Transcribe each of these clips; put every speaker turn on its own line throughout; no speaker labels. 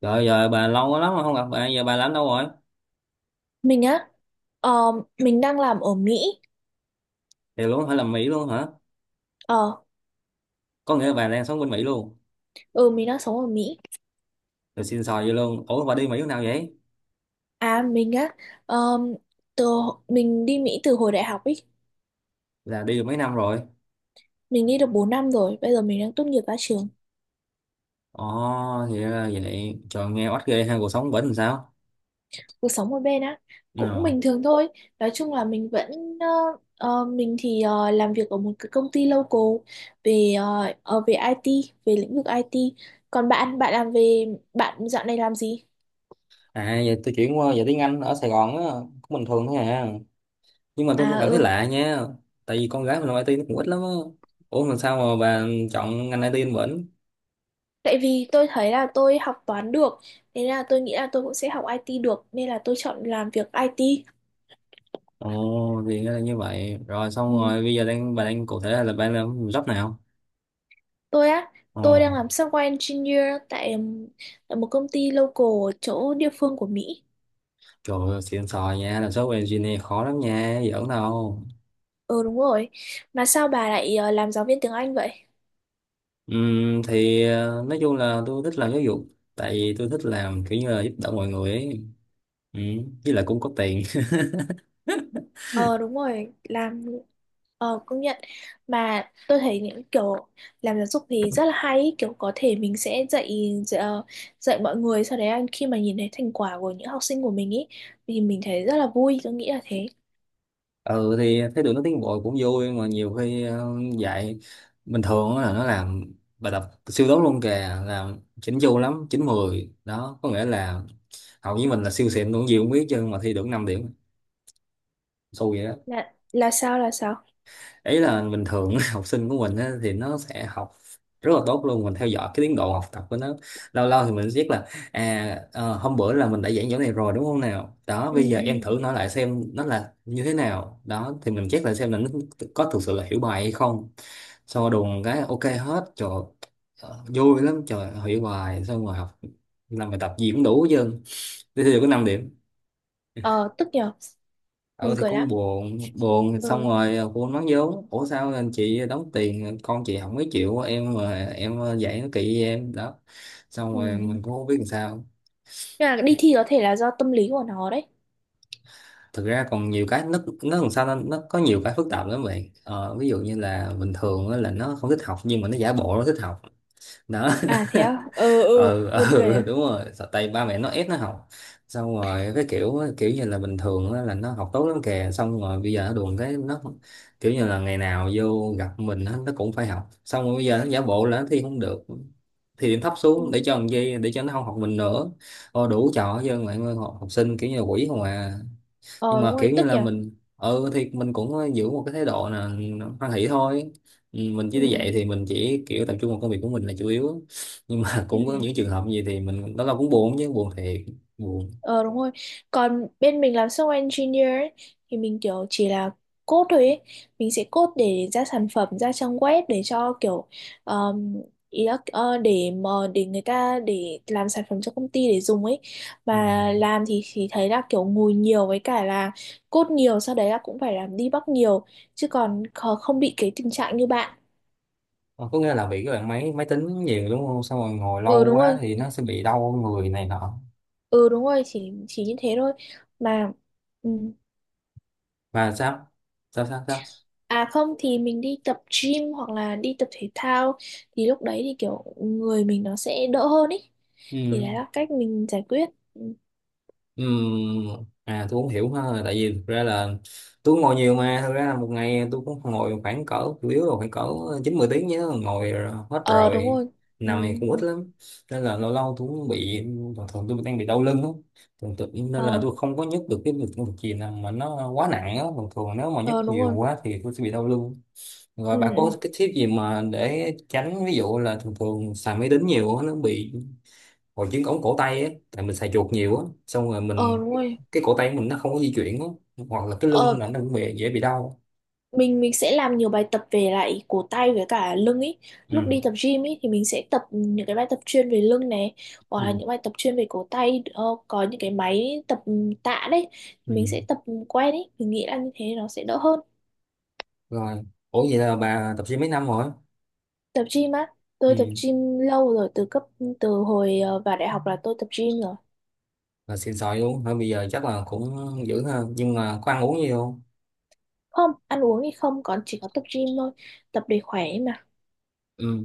Rồi giờ bà lâu quá lắm rồi không gặp bà, giờ bà làm đâu rồi?
Mình á, ờ, mình đang làm ở Mỹ,
Thì luôn phải làm Mỹ luôn hả?
ờ,
Có nghĩa là bà đang sống bên Mỹ luôn.
ừ mình đang sống ở Mỹ.
Rồi xin xò vậy luôn. Ủa bà đi Mỹ lúc nào vậy?
À mình á, ờ, từ mình đi Mỹ từ hồi đại học ấy,
Là đi được mấy năm rồi.
mình đi được 4 năm rồi, bây giờ mình đang tốt nghiệp ra trường,
Ồ thì ra là vậy. Trời nghe oách ghê ha cuộc sống bển làm sao?
cuộc sống ở bên á, cũng
Ừ.
bình thường thôi. Nói chung là mình thì làm việc ở một cái công ty local về về IT, về lĩnh vực IT. Còn bạn, bạn làm về, Bạn dạo này làm gì?
À giờ tôi chuyển qua giờ tiếng Anh ở Sài Gòn á, cũng bình thường thôi à. Nhưng mà tôi cũng
À,
cảm thấy
ừ.
lạ nha. Tại vì con gái mình làm IT nó cũng ít lắm á. Ủa mà sao mà bà chọn ngành IT bên bển?
Tại vì tôi thấy là tôi học toán được, thế là tôi nghĩ là tôi cũng sẽ học IT được, nên là tôi chọn làm việc IT.
Ồ thì ra là như vậy. Rồi xong
Ừ.
rồi bây giờ đang bà đang cụ thể là bà làm job nào?
Tôi á,
Ồ.
tôi đang làm software engineer tại, tại một công ty local ở chỗ địa phương của Mỹ.
Trời ơi, xịn sò nha, làm software engineer khó lắm nha, giỡn đâu.
Ờ đúng rồi. Mà sao bà lại làm giáo viên tiếng Anh vậy?
Nói chung là tôi thích làm giáo dục, tại vì tôi thích làm kiểu như là giúp đỡ mọi người ấy. Với lại cũng có tiền.
Ờ đúng rồi, làm Ờ, công nhận mà tôi thấy những kiểu làm giáo dục thì rất là hay ý. Kiểu có thể mình sẽ dạy dạy, ờ, dạy mọi người, sau đấy là khi mà nhìn thấy thành quả của những học sinh của mình ý thì mình thấy rất là vui, tôi nghĩ là thế.
Ừ thì thấy tụi nó tiến bộ cũng vui mà nhiều khi dạy bình thường á là nó làm bài tập siêu tốt luôn kìa, làm chỉnh chu lắm, 9 10 đó, có nghĩa là học với mình là siêu xịn luôn gì cũng biết chứ mà thi được 5 điểm, xui vậy đó.
Là sao?
Ý là bình thường học sinh của mình á, thì nó sẽ học rất là tốt luôn, mình theo dõi cái tiến độ học tập của nó. Lâu lâu thì mình biết là à hôm bữa là mình đã giảng chỗ này rồi đúng không, nào đó
ừ
bây giờ em
ừ ừ
thử nói lại xem nó là như thế nào đó thì mình check lại xem là nó có thực sự là hiểu bài hay không. Sau đùng cái ok hết trời, vui lắm trời, hiểu bài xong rồi học làm bài tập gì cũng đủ hết trơn, thế thì có 5 điểm.
Ờ tức nhờ. Buồn
Ờ thì
cười
con
lắm.
buồn buồn xong
Ừ.
rồi cô nói vốn ủa sao anh chị đóng tiền con chị không mấy chịu em mà em dạy nó kỵ với em đó. Xong
Ừ,
rồi
ừ.
mình cũng không biết làm sao.
Nhưng mà đi thi có thể là do tâm lý của nó đấy.
Thực ra còn nhiều cái nó làm sao nó có nhiều cái phức tạp lắm vậy, ví dụ như là bình thường á là nó không thích học nhưng mà nó giả bộ nó thích học đó.
À thế à. Ừ, ừ,
Ừ,
buồn cười
ừ
à.
đúng rồi. Sợ tay ba mẹ nó ép nó học xong rồi cái kiểu kiểu như là bình thường á, là nó học tốt lắm kìa xong rồi bây giờ nó đùn cái nó kiểu như là ngày nào vô gặp mình á, nó cũng phải học xong rồi bây giờ nó giả bộ là nó thi không được thì điểm thấp xuống
Ừ.
để cho làm gì, để cho nó không học mình nữa. Ô, đủ trò chứ mọi người học, học sinh kiểu như là quỷ không à. Nhưng
Ờ đúng
mà
rồi,
kiểu như
tức
là
nhờ.
mình ừ thì mình cũng giữ một cái thái độ là hoan hỷ thôi. Ừ, mình chỉ
Ừ,
đi dạy thì mình chỉ kiểu tập trung vào công việc của mình là chủ yếu, nhưng mà
ừ.
cũng có những trường hợp gì thì mình đó là cũng buồn chứ, buồn thiệt buồn.
Ờ đúng rồi. Còn bên mình làm software engineer ấy, thì mình kiểu chỉ là code thôi ấy. Mình sẽ code để ra sản phẩm, ra trang web để cho kiểu um, để mà để người ta, để làm sản phẩm cho công ty để dùng ấy.
Ừ.
Mà làm thì thấy là kiểu ngồi nhiều với cả là code nhiều, sau đấy là cũng phải làm debug nhiều chứ còn không bị cái tình trạng như bạn.
Ờ, có nghĩa là bị cái bạn máy máy tính nhiều đúng không, xong rồi ngồi
Ừ
lâu
đúng
quá
rồi.
thì nó sẽ bị đau người này nọ
Ừ đúng rồi, chỉ như thế thôi. Mà ừ.
và sao sao.
À không thì mình đi tập gym hoặc là đi tập thể thao thì lúc đấy thì kiểu người mình nó sẽ đỡ hơn ý. Thì
Ừ.
đấy là cách mình giải quyết. Ừ.
Ừm, à tôi cũng hiểu ha, tại vì thực ra là tôi ngồi nhiều mà thực ra là một ngày tôi cũng ngồi khoảng cỡ chủ yếu là khoảng cỡ 9 10 tiếng nhớ, ngồi rồi- hết
Ờ đúng
rồi,
rồi. Ừ,
nằm thì cũng
ừ.
ít lắm nên là lâu lâu tôi cũng bị, thường thường tôi đang bị đau lưng á, thường thường nên là
Ờ,
tôi không có nhấc được cái việc công việc gì nào mà nó quá nặng á, thường thường nếu mà nhấc
ờ đúng
nhiều
rồi.
quá thì tôi sẽ bị đau lưng. Rồi
Ừ,
bà
ừ.
có cái tip gì mà để tránh ví dụ là thường thường xài máy tính nhiều á, nó bị hồi chứng ống cổ tay ấy, tại mình xài chuột nhiều á xong rồi
Ờ
mình
đúng rồi.
cái cổ tay của mình nó không có di chuyển á, hoặc là cái lưng
Ờ,
là nó cũng bị, dễ bị đau.
mình sẽ làm nhiều bài tập về lại cổ tay với cả lưng ý. Lúc
Ừ.
đi tập gym ý thì mình sẽ tập những cái bài tập chuyên về lưng này,
Ừ.
hoặc là những bài tập chuyên về cổ tay, có những cái máy tập tạ đấy
Ừ.
mình sẽ tập quen ý. Mình nghĩ là như thế nó sẽ đỡ hơn.
Rồi ủa vậy là bà tập gym mấy năm rồi.
Tập gym á,
Ừ.
tôi tập gym lâu rồi, từ hồi vào đại học là tôi tập gym rồi.
Là xịn sòi luôn thôi, bây giờ chắc là cũng dữ ha, nhưng mà có ăn uống gì không.
Không, ăn uống thì không, còn chỉ có tập gym thôi. Tập để khỏe ấy mà.
Ừ.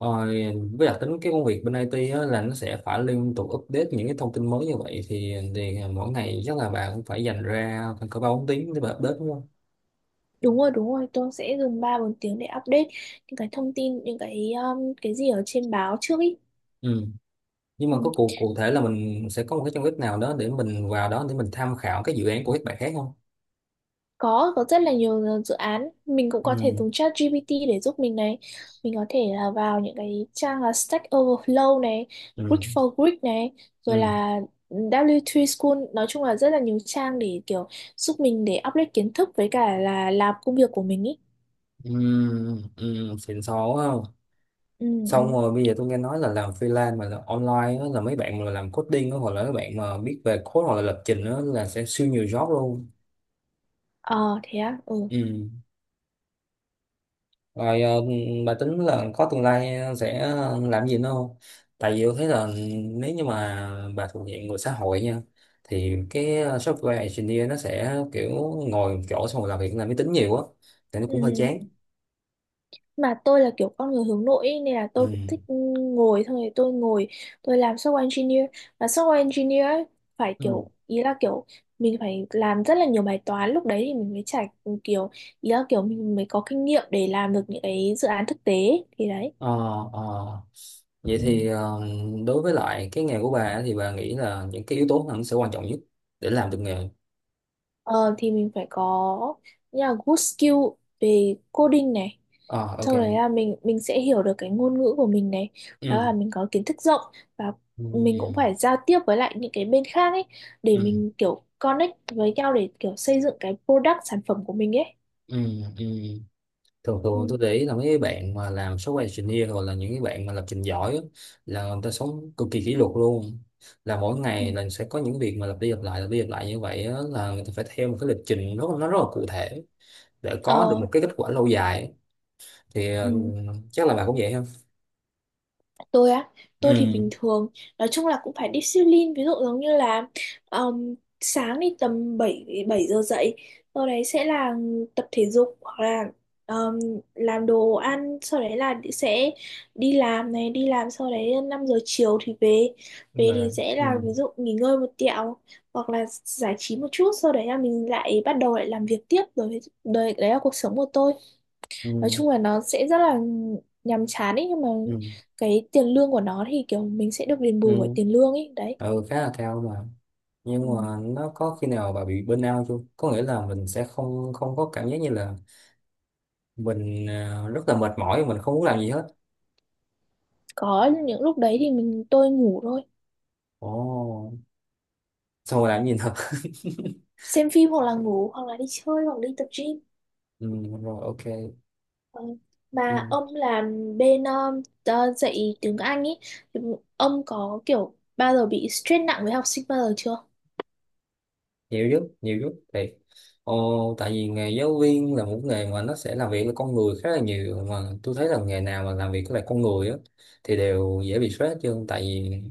Rồi với đặc tính cái công việc bên IT á, là nó sẽ phải liên tục update những cái thông tin mới như vậy thì mỗi ngày chắc là bạn cũng phải dành ra khoảng cỡ 3 4 tiếng để bà update đúng không.
Đúng rồi, tôi sẽ dùng 3 4 tiếng để update những cái thông tin, những cái gì ở trên báo trước ý.
Ừ. Nhưng mà
Ừ.
có cụ cụ thể là mình sẽ có một cái trong web nào đó để mình vào đó để mình tham khảo cái dự án của các bạn khác không.
Có rất là nhiều dự án, mình cũng có thể
Ừ
dùng ChatGPT để giúp mình này, mình có thể là vào những cái trang là Stack Overflow này, Greek
ừ
for Greek này, rồi
ừ.
là W3 School, nói chung là rất là nhiều trang để kiểu giúp mình để update kiến thức với cả là làm công việc của mình ý.
Ừ ừ. Xịn sò quá không.
Ừ,
Xong
ừ.
rồi bây giờ tôi nghe nói là làm freelance mà là online đó, là mấy bạn mà làm coding đó, hoặc là mấy bạn mà biết về code hoặc là lập trình đó, là sẽ siêu nhiều job luôn.
Ờ thế á. Ừ.
Ừ. Rồi bà tính là có tương lai sẽ làm gì nữa không? Tại vì tôi thấy là nếu như mà bà thuộc diện người xã hội nha thì cái software engineer nó sẽ kiểu ngồi một chỗ xong rồi làm việc làm máy tính nhiều á thì nó cũng hơi
ừ
chán.
mà tôi là kiểu con người hướng nội ý, nên là tôi
Ừ.
cũng thích ngồi thôi. Tôi làm software engineer, và software engineer ấy, phải
Ừ.
kiểu ý là kiểu mình phải làm rất là nhiều bài toán, lúc đấy thì mình mới trải kiểu, ý là kiểu mình mới có kinh nghiệm để làm được những cái dự án thực tế ấy. Thì đấy.
Ờ, ờ. Vậy thì
Ừ.
đối với lại cái nghề của bà á, thì bà nghĩ là những cái yếu tố nào nó sẽ quan trọng nhất để làm được nghề?
Ờ, thì mình phải có như là good skill về coding này,
Ờ ok.
sau đấy là mình sẽ hiểu được cái ngôn ngữ của mình này, đó là
Ừ.
mình có kiến thức rộng, và
Ừ.
mình cũng
Ừ.
phải giao tiếp với lại những cái bên khác ấy, để
Ừ.
mình kiểu connect với nhau để kiểu xây dựng cái product sản phẩm của mình ấy.
Ừ. Ừ. Thường thường tôi
Ừ.
để ý là mấy cái bạn mà làm software engineer hoặc là những cái bạn mà lập trình giỏi á, là người ta sống cực kỳ kỷ luật luôn, là mỗi
Ừ.
ngày là sẽ có những việc mà lặp đi lặp lại lặp đi lặp lại như vậy á, là người ta phải theo một cái lịch trình rất nó rất là cụ thể để có được một
Ờ.
cái kết quả lâu dài thì ừ,
Ừ.
chắc là bạn cũng vậy không.
Tôi á, tôi thì
Ừ.
bình thường, nói chung là cũng phải discipline, ví dụ giống như là um, sáng thì tầm 7 7 giờ dậy, sau đấy sẽ là tập thể dục hoặc là um, làm đồ ăn, sau đấy là sẽ đi làm này, đi làm sau đấy 5 giờ chiều thì về.
Đúng
Về thì
rồi.
sẽ
Ừ.
là ví dụ nghỉ ngơi một tẹo hoặc là giải trí một chút, sau đấy là mình lại bắt đầu lại làm việc tiếp rồi, đấy, đấy là cuộc sống của tôi,
Ừ
nói chung là nó sẽ rất là nhàm chán ấy, nhưng mà
ừ
cái tiền lương của nó thì kiểu mình sẽ được đền
ừ.
bù bởi tiền lương ấy đấy.
Ừ khá là cao mà,
Ừ.
nhưng mà nó có khi nào bà bị burnout chưa, có nghĩa là mình sẽ không không có cảm giác như là mình rất là mệt mỏi, mình không muốn làm gì hết.
Có những lúc đấy thì tôi ngủ thôi,
Ồ, xong rồi làm gì nữa?
xem phim hoặc là ngủ hoặc là đi chơi hoặc đi tập gym.
Ừ, rồi ok.
Ờ. Mà
Ừ,
ông làm bên dạy tiếng Anh ấy, ông có kiểu bao giờ bị stress nặng với học sinh bao giờ chưa?
nhiều giúp thì. Ồ, tại vì nghề giáo viên là một nghề mà nó sẽ làm việc với con người khá là nhiều, mà tôi thấy là nghề nào mà làm việc với lại con người á thì đều dễ bị stress hết trơn, tại vì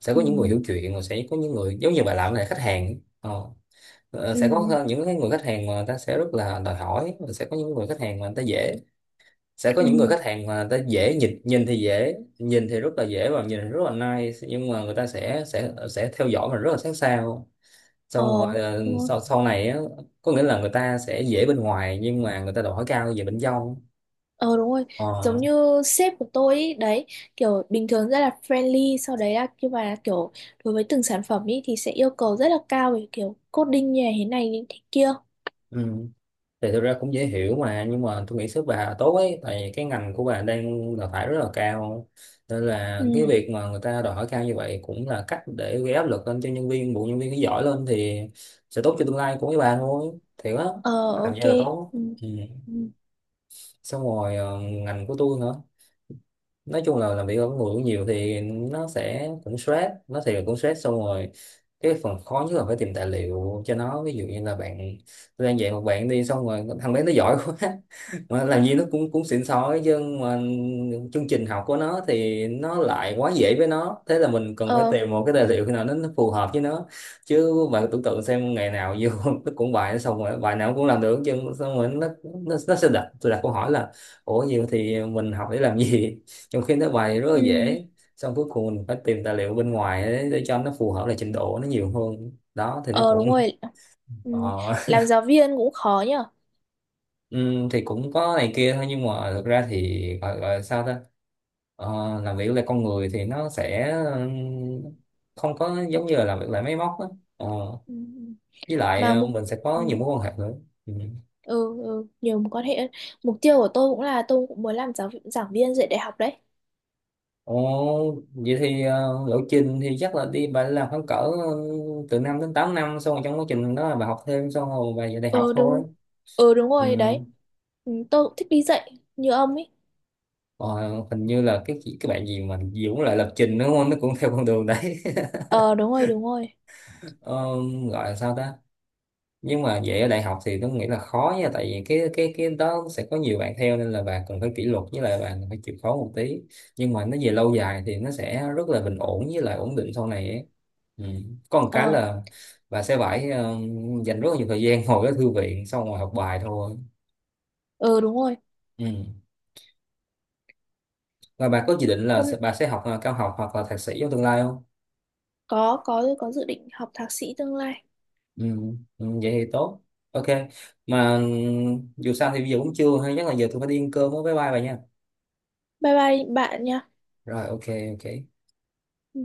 sẽ có
Ừ,
những người hiểu chuyện rồi sẽ có những người giống như bà làm này khách hàng
ừ,
sẽ có những cái người khách hàng mà người ta sẽ rất là đòi hỏi và sẽ có những người khách hàng mà người ta dễ, sẽ có những
ừ.
người khách hàng mà người ta dễ nhìn nhìn thì dễ, nhìn thì rất là dễ và nhìn thì rất là nice nhưng mà người ta sẽ theo dõi mình rất là sát sao,
Ờ
xong rồi
đúng.
sau sau này á, có nghĩa là người ta sẽ dễ bên ngoài nhưng mà người ta đòi hỏi cao về bên trong.
Ờ đúng rồi,
Ờ.
giống như sếp của tôi ý, đấy, kiểu bình thường rất là friendly, sau đấy là nhưng mà kiểu đối với từng sản phẩm ý thì sẽ yêu cầu rất là cao về kiểu coding như thế này như thế kia.
Ừ. Thì thực ra cũng dễ hiểu mà, nhưng mà tôi nghĩ sếp bà tốt ấy, tại vì cái ngành của bà đang đào thải rất là cao nên
Ừ,
là cái việc mà người ta đòi hỏi cao như vậy cũng là cách để gây áp lực lên cho nhân viên, bộ nhân viên nó giỏi lên thì sẽ tốt cho tương lai của mấy bà thôi thiệt á.
ờ
Làm gì
ok.
là tốt.
Ừ.
Ừ.
Ừ.
Xong rồi ngành của tôi hả, nói chung là làm việc ở người cũng nhiều thì nó sẽ cũng stress, nó thì cũng stress. Xong rồi cái phần khó nhất là phải tìm tài liệu cho nó, ví dụ như là bạn, tôi đang dạy một bạn đi xong rồi thằng bé nó giỏi quá, mà làm gì nó cũng cũng xịn sói chứ, mà chương trình học của nó thì nó lại quá dễ với nó, thế là mình cần phải
Ờ,
tìm một cái tài liệu nào nó phù hợp với nó, chứ bạn tưởng tượng xem ngày nào vô nó cũng bài xong rồi bài nào cũng làm được chứ, xong rồi nó sẽ đặt tôi đặt câu hỏi là ủa gì thì mình học để làm gì trong khi nó bài rất là
ừ.
dễ. Xong cuối cùng mình phải tìm tài liệu bên ngoài để cho nó phù hợp lại trình độ nó nhiều hơn đó thì nó
Ờ
cũng
đúng rồi. Ừ.
ờ,
Làm giáo viên cũng khó nhở.
thì cũng có này kia thôi, nhưng mà thực ra thì gọi là sao ta. Ờ, làm việc là con người thì nó sẽ không có giống như là làm việc lại máy móc á. Ờ,
Ừ. Ừ.
với lại
Mà mục
mình sẽ có
Ừ.
nhiều mối quan hệ nữa. Ừ.
Ừ, ừ, nhiều mối quan hệ. Mục tiêu của tôi cũng là tôi cũng muốn làm giảng viên dạy đại học đấy.
Ồ, vậy thì lộ trình thì chắc là đi bà làm khoảng cỡ từ 5 đến 8 năm xong rồi trong quá trình đó là bà học thêm xong rồi bà về đại học
Ừ
thôi.
đúng. Ừ đúng rồi
Ừ.
đấy. Ừ, tôi cũng thích đi dạy như ông ấy.
Ờ, hình như là cái chị- cái bạn gì mà Dũng lại lập trình đúng không, nó cũng theo con đường đấy.
Ờ đúng rồi, đúng rồi.
Ờ, gọi là sao ta, nhưng mà vậy ở đại học thì tôi nghĩ là khó nha, tại vì cái đó sẽ có nhiều bạn theo nên là bạn cần phải kỷ luật với lại bạn phải chịu khó một tí, nhưng mà nó về lâu dài thì nó sẽ rất là bình ổn với lại ổn định sau này ấy. Ừ. Có một cái
Ờ,
là bạn sẽ phải dành rất là nhiều thời gian ngồi ở thư viện xong rồi học bài thôi.
ừ đúng rồi.
Ừ. Và bà có dự định là
Hôm
sẽ, bà sẽ học cao học hoặc là thạc sĩ trong tương lai không.
có dự định học thạc sĩ tương lai.
Ừ, ừ, vậy thì tốt. Ok. Mà ừ, dù sao thì bây giờ cũng trưa hay, chắc là giờ tôi phải đi ăn cơm với, bye bye bà nha.
Bye bye bạn nha.
Rồi ok. Ok.